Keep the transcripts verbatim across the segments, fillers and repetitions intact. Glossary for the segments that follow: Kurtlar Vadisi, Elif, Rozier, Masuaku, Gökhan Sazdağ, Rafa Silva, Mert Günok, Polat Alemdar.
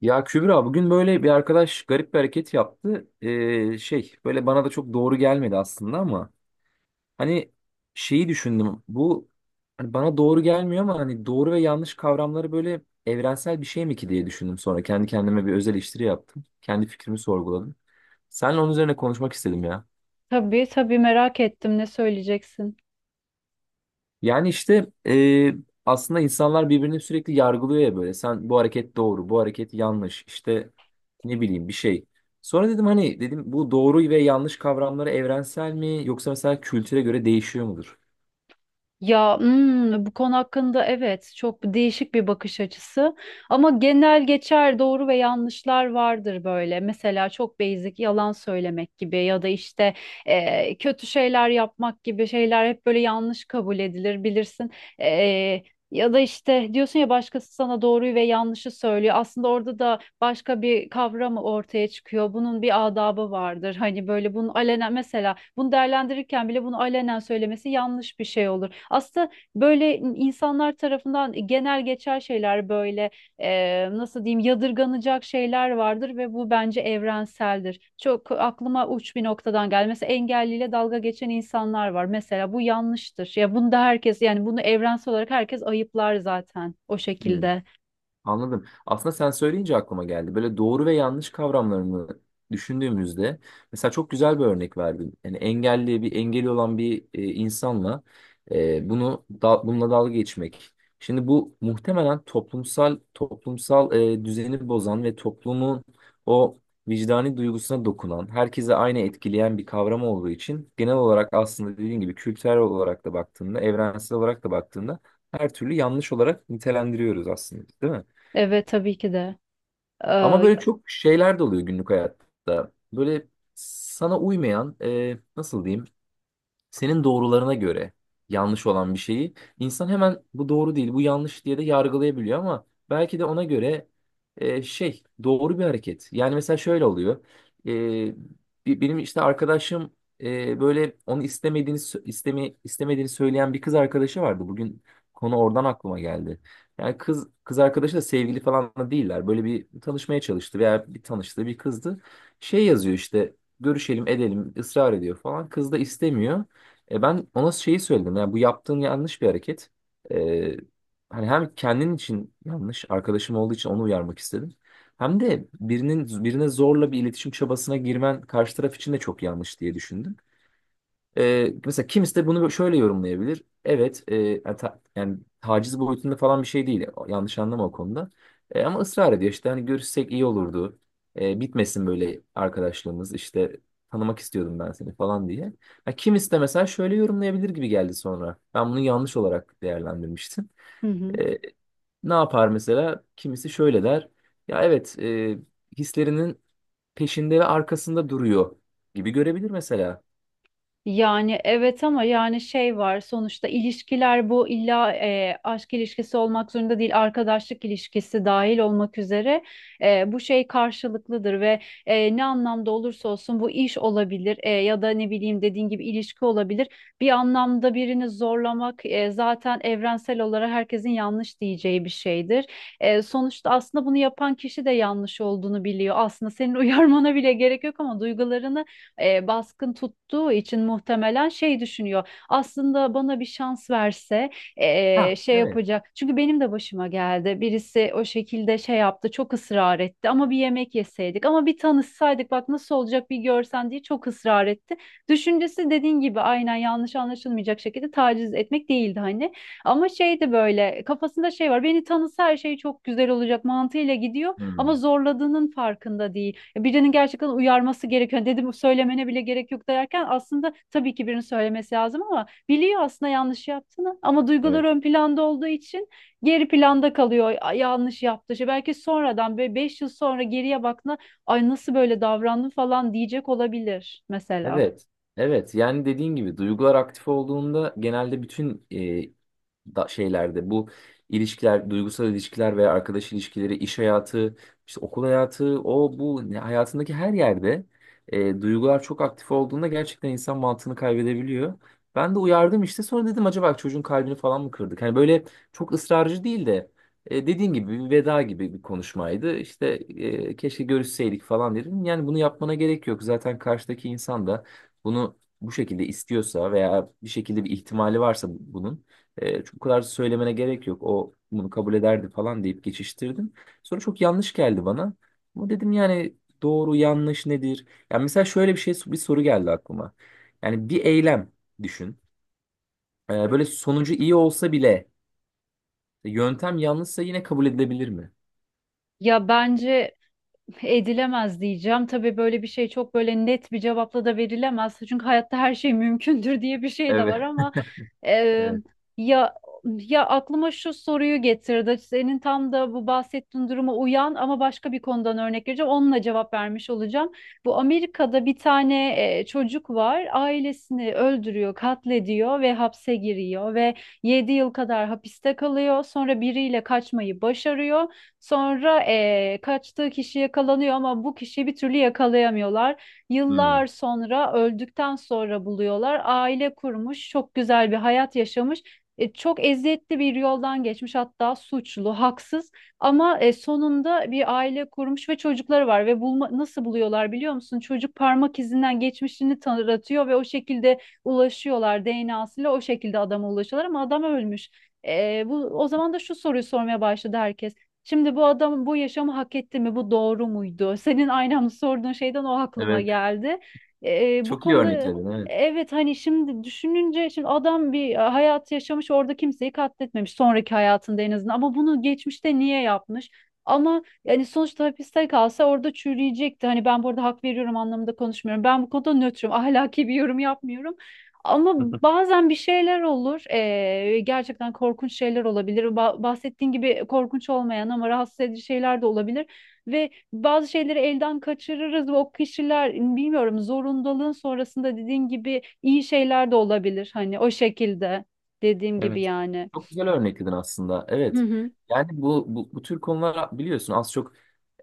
Ya Kübra bugün böyle bir arkadaş garip bir hareket yaptı. Ee, şey, böyle bana da çok doğru gelmedi aslında ama hani şeyi düşündüm. Bu, hani bana doğru gelmiyor ama hani doğru ve yanlış kavramları böyle evrensel bir şey mi ki diye düşündüm sonra. Kendi kendime bir öz eleştiri yaptım. Kendi fikrimi sorguladım. Seninle onun üzerine konuşmak istedim ya. Tabii tabii merak ettim ne söyleyeceksin. Yani işte e, aslında insanlar birbirini sürekli yargılıyor ya böyle. Sen bu hareket doğru, bu hareket yanlış. İşte ne bileyim bir şey. Sonra dedim hani dedim bu doğru ve yanlış kavramları evrensel mi yoksa mesela kültüre göre değişiyor mudur? Ya hmm, bu konu hakkında evet çok değişik bir bakış açısı ama genel geçer doğru ve yanlışlar vardır böyle. Mesela çok basic yalan söylemek gibi ya da işte e, kötü şeyler yapmak gibi şeyler hep böyle yanlış kabul edilir bilirsin. E, Ya da işte diyorsun ya başkası sana doğruyu ve yanlışı söylüyor. Aslında orada da başka bir kavram ortaya çıkıyor. Bunun bir adabı vardır. Hani böyle bunu alenen mesela bunu değerlendirirken bile bunu alenen söylemesi yanlış bir şey olur. Aslında böyle insanlar tarafından genel geçer şeyler böyle e, nasıl diyeyim yadırganacak şeyler vardır ve bu bence evrenseldir. Çok aklıma uç bir noktadan geldi. Mesela engelliyle dalga geçen insanlar var. Mesela bu yanlıştır. Ya bunu da herkes yani bunu evrensel olarak herkes ayıplar zaten o Hmm. şekilde. Anladım. Aslında sen söyleyince aklıma geldi. Böyle doğru ve yanlış kavramlarını düşündüğümüzde mesela çok güzel bir örnek verdin. Yani engelli bir engeli olan bir e, insanla, e, bunu da, bununla dalga geçmek. Şimdi bu muhtemelen toplumsal toplumsal e, düzeni bozan ve toplumun o vicdani duygusuna dokunan, herkese aynı etkileyen bir kavram olduğu için genel olarak aslında dediğin gibi kültürel olarak da baktığında, evrensel olarak da baktığında her türlü yanlış olarak nitelendiriyoruz aslında, değil mi? Evet tabii ki de. Ama Ee, böyle çok şeyler de oluyor günlük hayatta. Böyle sana uymayan, e, nasıl diyeyim, senin doğrularına göre yanlış olan bir şeyi insan hemen bu doğru değil, bu yanlış diye de yargılayabiliyor ama belki de ona göre e, şey doğru bir hareket. Yani mesela şöyle oluyor. E, bi- Benim işte arkadaşım, e, böyle onu istemediğini sö- isteme, istemediğini söyleyen bir kız arkadaşı vardı. Bugün konu oradan aklıma geldi. Yani kız kız arkadaşı da sevgili falan da değiller. Böyle bir tanışmaya çalıştı veya bir tanıştığı bir kızdı. Şey, yazıyor işte görüşelim edelim, ısrar ediyor falan. Kız da istemiyor. E, ben ona şeyi söyledim. Yani bu yaptığın yanlış bir hareket. E, Hani hem kendin için yanlış, arkadaşım olduğu için onu uyarmak istedim. Hem de birinin birine zorla bir iletişim çabasına girmen karşı taraf için de çok yanlış diye düşündüm. Ee, mesela kimisi de bunu şöyle yorumlayabilir. Evet, e, yani, ta- yani taciz boyutunda falan bir şey değil. Yanlış anlama o konuda. E, ama ısrar ediyor işte hani görüşsek iyi olurdu. E, bitmesin böyle arkadaşlığımız işte, tanımak istiyordum ben seni falan diye. Ha, kimisi de mesela şöyle yorumlayabilir gibi geldi sonra. Ben bunu yanlış olarak değerlendirmiştim. Hı hı. E, Ne yapar mesela? Kimisi şöyle der. Ya evet, e, hislerinin peşinde ve arkasında duruyor gibi görebilir mesela. Yani evet ama yani şey var sonuçta ilişkiler bu illa e, aşk ilişkisi olmak zorunda değil arkadaşlık ilişkisi dahil olmak üzere e, bu şey karşılıklıdır ve e, ne anlamda olursa olsun bu iş olabilir e, ya da ne bileyim dediğin gibi ilişki olabilir bir anlamda birini zorlamak e, zaten evrensel olarak herkesin yanlış diyeceği bir şeydir. E, sonuçta aslında bunu yapan kişi de yanlış olduğunu biliyor aslında senin uyarmana bile gerek yok ama duygularını e, baskın tuttuğu için muhtemelen şey düşünüyor. Aslında bana bir şans verse e, Ha, şey evet. yapacak. Çünkü benim de başıma geldi. Birisi o şekilde şey yaptı, çok ısrar etti. Ama bir yemek yeseydik, ama bir tanışsaydık bak nasıl olacak bir görsen diye çok ısrar etti. Düşüncesi dediğin gibi aynen yanlış anlaşılmayacak şekilde taciz etmek değildi hani. Ama şey de böyle kafasında şey var. Beni tanısa her şey çok güzel olacak mantığıyla gidiyor ama Hmm. zorladığının farkında değil. Birinin gerçekten uyarması gerekiyor. Yani dedim söylemene bile gerek yok derken aslında tabii ki birinin söylemesi lazım ama biliyor aslında yanlış yaptığını ama duygular Evet. ön planda olduğu için geri planda kalıyor. "Ay, yanlış yaptı. İşte belki sonradan böyle beş yıl sonra geriye baktığında ay nasıl böyle davrandım falan diyecek olabilir mesela. Evet. Evet. Yani dediğin gibi duygular aktif olduğunda genelde bütün e, da- şeylerde bu ilişkiler, duygusal ilişkiler veya arkadaş ilişkileri, iş hayatı, işte okul hayatı, o bu ne- hayatındaki her yerde e, duygular çok aktif olduğunda gerçekten insan mantığını kaybedebiliyor. Ben de uyardım işte sonra dedim acaba çocuğun kalbini falan mı kırdık? Hani böyle çok ısrarcı değil de, E, dediğin gibi bir veda gibi bir konuşmaydı. İşte e, keşke görüşseydik falan dedim. Yani bunu yapmana gerek yok. Zaten karşıdaki insan da bunu bu şekilde istiyorsa veya bir şekilde bir ihtimali varsa bu- bunun e, çok kadar söylemene gerek yok. O bunu kabul ederdi falan deyip geçiştirdim. Sonra çok yanlış geldi bana. Ama dedim yani doğru yanlış nedir? Yani mesela şöyle bir şey, bir soru geldi aklıma. Yani bir eylem düşün. E, böyle sonucu iyi olsa bile yöntem yanlışsa yine kabul edilebilir mi? Ya bence edilemez diyeceğim. Tabii böyle bir şey çok böyle net bir cevapla da verilemez. Çünkü hayatta her şey mümkündür diye bir şey de var Evet. ama e, Evet. ya ya aklıma şu soruyu getirdi. Senin tam da bu bahsettiğin duruma uyan ama başka bir konudan örnek vereceğim. Onunla cevap vermiş olacağım. Bu Amerika'da bir tane e, çocuk var. Ailesini öldürüyor, katlediyor ve hapse giriyor ve yedi yıl kadar hapiste kalıyor. Sonra biriyle kaçmayı başarıyor. Sonra eee, kaçtığı kişi yakalanıyor ama bu kişiyi bir türlü yakalayamıyorlar. Hmm. Yıllar sonra öldükten sonra buluyorlar. Aile kurmuş, çok güzel bir hayat yaşamış. E, çok eziyetli bir yoldan geçmiş hatta suçlu, haksız ama e, sonunda bir aile kurmuş ve çocukları var ve bulma, nasıl buluyorlar biliyor musun? Çocuk parmak izinden geçmişini tanıtıyor ve o şekilde ulaşıyorlar D N A'sıyla o şekilde adama ulaşıyorlar ama adam ölmüş. E, bu o zaman da şu soruyu sormaya başladı herkes. Şimdi bu adam bu yaşamı hak etti mi? Bu doğru muydu? Senin aynen sorduğun şeyden o aklıma Evet. geldi. Ee, bu Çok iyi konuda örnekledin. Evet. evet hani şimdi düşününce şimdi adam bir e, hayat yaşamış orada kimseyi katletmemiş sonraki hayatında en azından ama bunu geçmişte niye yapmış? Ama yani sonuçta hapiste kalsa orada çürüyecekti. Hani ben burada hak veriyorum anlamında konuşmuyorum. Ben bu konuda nötrüm. Ahlaki bir yorum yapmıyorum. Ama bazen bir şeyler olur. Eee, gerçekten korkunç şeyler olabilir. Ba- bahsettiğin gibi korkunç olmayan ama rahatsız edici şeyler de olabilir. Ve bazı şeyleri elden kaçırırız ve o kişiler bilmiyorum zorundalığın sonrasında dediğin gibi iyi şeyler de olabilir. Hani o şekilde dediğim gibi Evet. yani. Çok güzel örnekledin aslında. Hı Evet. hı. Yani bu, bu, bu tür konular biliyorsun az çok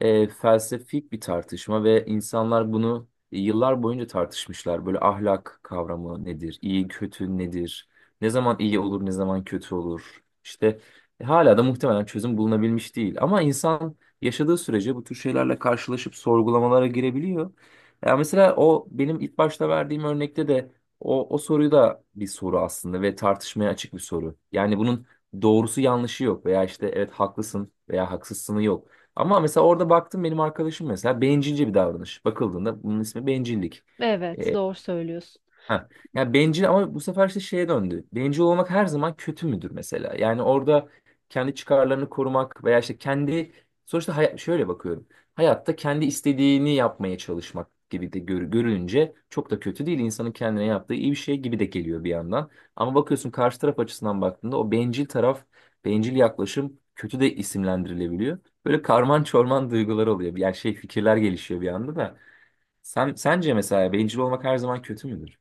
e, felsefik bir tartışma ve insanlar bunu yıllar boyunca tartışmışlar. Böyle ahlak kavramı nedir? İyi kötü nedir? Ne zaman iyi olur, ne zaman kötü olur? İşte e, hala da muhtemelen çözüm bulunabilmiş değil. Ama insan yaşadığı sürece bu tür şeylerle karşılaşıp sorgulamalara girebiliyor. Ya mesela o benim ilk başta verdiğim örnekte de o, o soruyu da bir soru aslında ve tartışmaya açık bir soru. Yani bunun doğrusu yanlışı yok veya işte evet haklısın veya haksızsını yok. Ama mesela orada baktım benim arkadaşım mesela bencilce bir davranış. Bakıldığında bunun ismi bencillik. Evet, doğru söylüyorsun. Ha. Ya bencil ama bu sefer işte şeye döndü. Bencil olmak her zaman kötü müdür mesela? Yani orada kendi çıkarlarını korumak veya işte kendi, sonuçta hayat, şöyle bakıyorum. Hayatta kendi istediğini yapmaya çalışmak gibi de gör- görülünce çok da kötü değil. İnsanın kendine yaptığı iyi bir şey gibi de geliyor bir yandan. Ama bakıyorsun karşı taraf açısından baktığında o bencil taraf, bencil yaklaşım kötü de isimlendirilebiliyor. Böyle karman çorman duygular oluyor. Yani şey, fikirler gelişiyor bir anda da. Sen, sence mesela bencil olmak her zaman kötü müdür?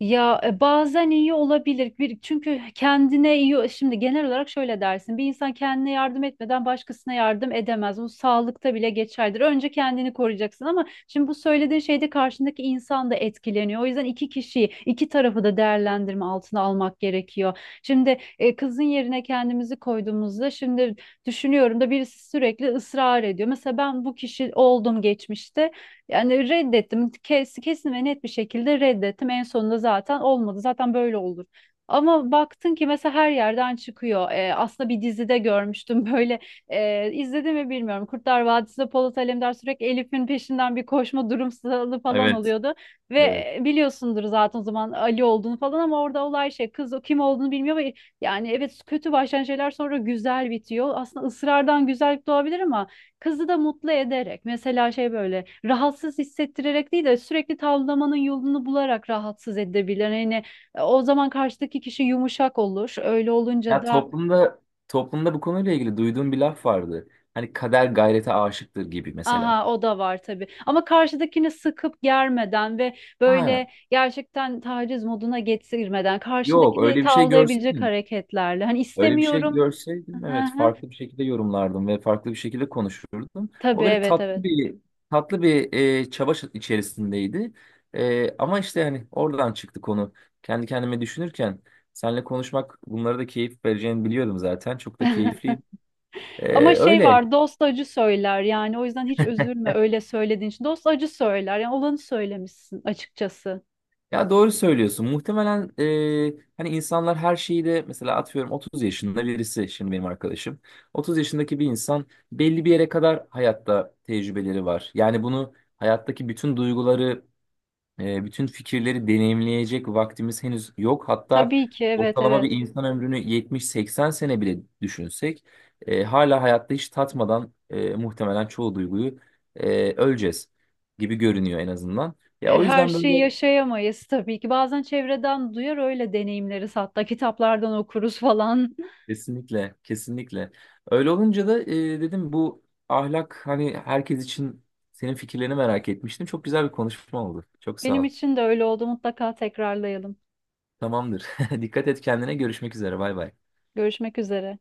Ya e, bazen iyi olabilir. Bir, çünkü kendine iyi şimdi genel olarak şöyle dersin. Bir insan kendine yardım etmeden başkasına yardım edemez. Bu sağlıkta bile geçerlidir. Önce kendini koruyacaksın ama şimdi bu söylediğin şeyde karşındaki insan da etkileniyor. O yüzden iki kişiyi, iki tarafı da değerlendirme altına almak gerekiyor. Şimdi e, kızın yerine kendimizi koyduğumuzda şimdi düşünüyorum da birisi sürekli ısrar ediyor. Mesela ben bu kişi oldum geçmişte. Yani reddettim. Kes, kesin ve net bir şekilde reddettim. En sonunda zaten olmadı. Zaten böyle olur. Ama baktın ki mesela her yerden çıkıyor. Ee, aslında bir dizide görmüştüm böyle. E, izledim mi bilmiyorum. Kurtlar Vadisi'nde Polat Alemdar sürekli Elif'in peşinden bir koşma durumsalı falan Evet, oluyordu. Ve evet. e, biliyorsundur zaten o zaman Ali olduğunu falan ama orada olay şey kız o kim olduğunu bilmiyor ve yani evet kötü başlayan şeyler sonra güzel bitiyor. Aslında ısrardan güzellik doğabilir ama kızı da mutlu ederek mesela şey böyle rahatsız hissettirerek değil de sürekli tavlamanın yolunu bularak rahatsız edebilir. Yani e, o zaman karşıdaki kişi yumuşak olur. Öyle olunca Ya da toplumda toplumda bu konuyla ilgili duyduğum bir laf vardı. Hani kader gayrete aşıktır gibi mesela. aha o da var tabii. Ama karşıdakini sıkıp germeden ve Ha, böyle gerçekten taciz moduna getirmeden yok karşındakini öyle bir şey tavlayabilecek görseydim. hareketlerle. Hani Öyle bir şey istemiyorum. görseydim Aha evet hı. farklı bir şekilde yorumlardım ve farklı bir şekilde konuşurdum. Tabii O böyle evet tatlı evet. bir tatlı bir e, çaba ş- içerisindeydi. E, ama işte hani oradan çıktı konu. Kendi kendime düşünürken seninle konuşmak bunlara da keyif vereceğini biliyordum zaten. Çok da keyifliydi. E, Ama şey öyle. var dost acı söyler yani o yüzden hiç üzülme öyle söylediğin için. Dost acı söyler yani olanı söylemişsin açıkçası. Ya doğru söylüyorsun. Muhtemelen e, hani insanlar her şeyi de mesela atıyorum otuz yaşında birisi şimdi benim arkadaşım. otuz yaşındaki bir insan belli bir yere kadar hayatta tecrübeleri var. Yani bunu hayattaki bütün duyguları, e, bütün fikirleri deneyimleyecek vaktimiz henüz yok. Hatta Tabii ki evet ortalama bir evet. insan ömrünü yetmiş seksen sene bile düşünsek e, hala hayatta hiç tatmadan e, muhtemelen çoğu duyguyu e, öleceğiz gibi görünüyor en azından. Ya E, o Her yüzden şeyi böyle, yaşayamayız tabii ki. Bazen çevreden duyar öyle deneyimleriz hatta kitaplardan okuruz falan. kesinlikle, kesinlikle. Öyle olunca da e, dedim bu ahlak hani herkes için senin fikirlerini merak etmiştim. Çok güzel bir konuşma oldu. Çok Benim sağ ol. için de öyle oldu mutlaka tekrarlayalım. Tamamdır. Dikkat et kendine. Görüşmek üzere. Bay bay. Görüşmek üzere.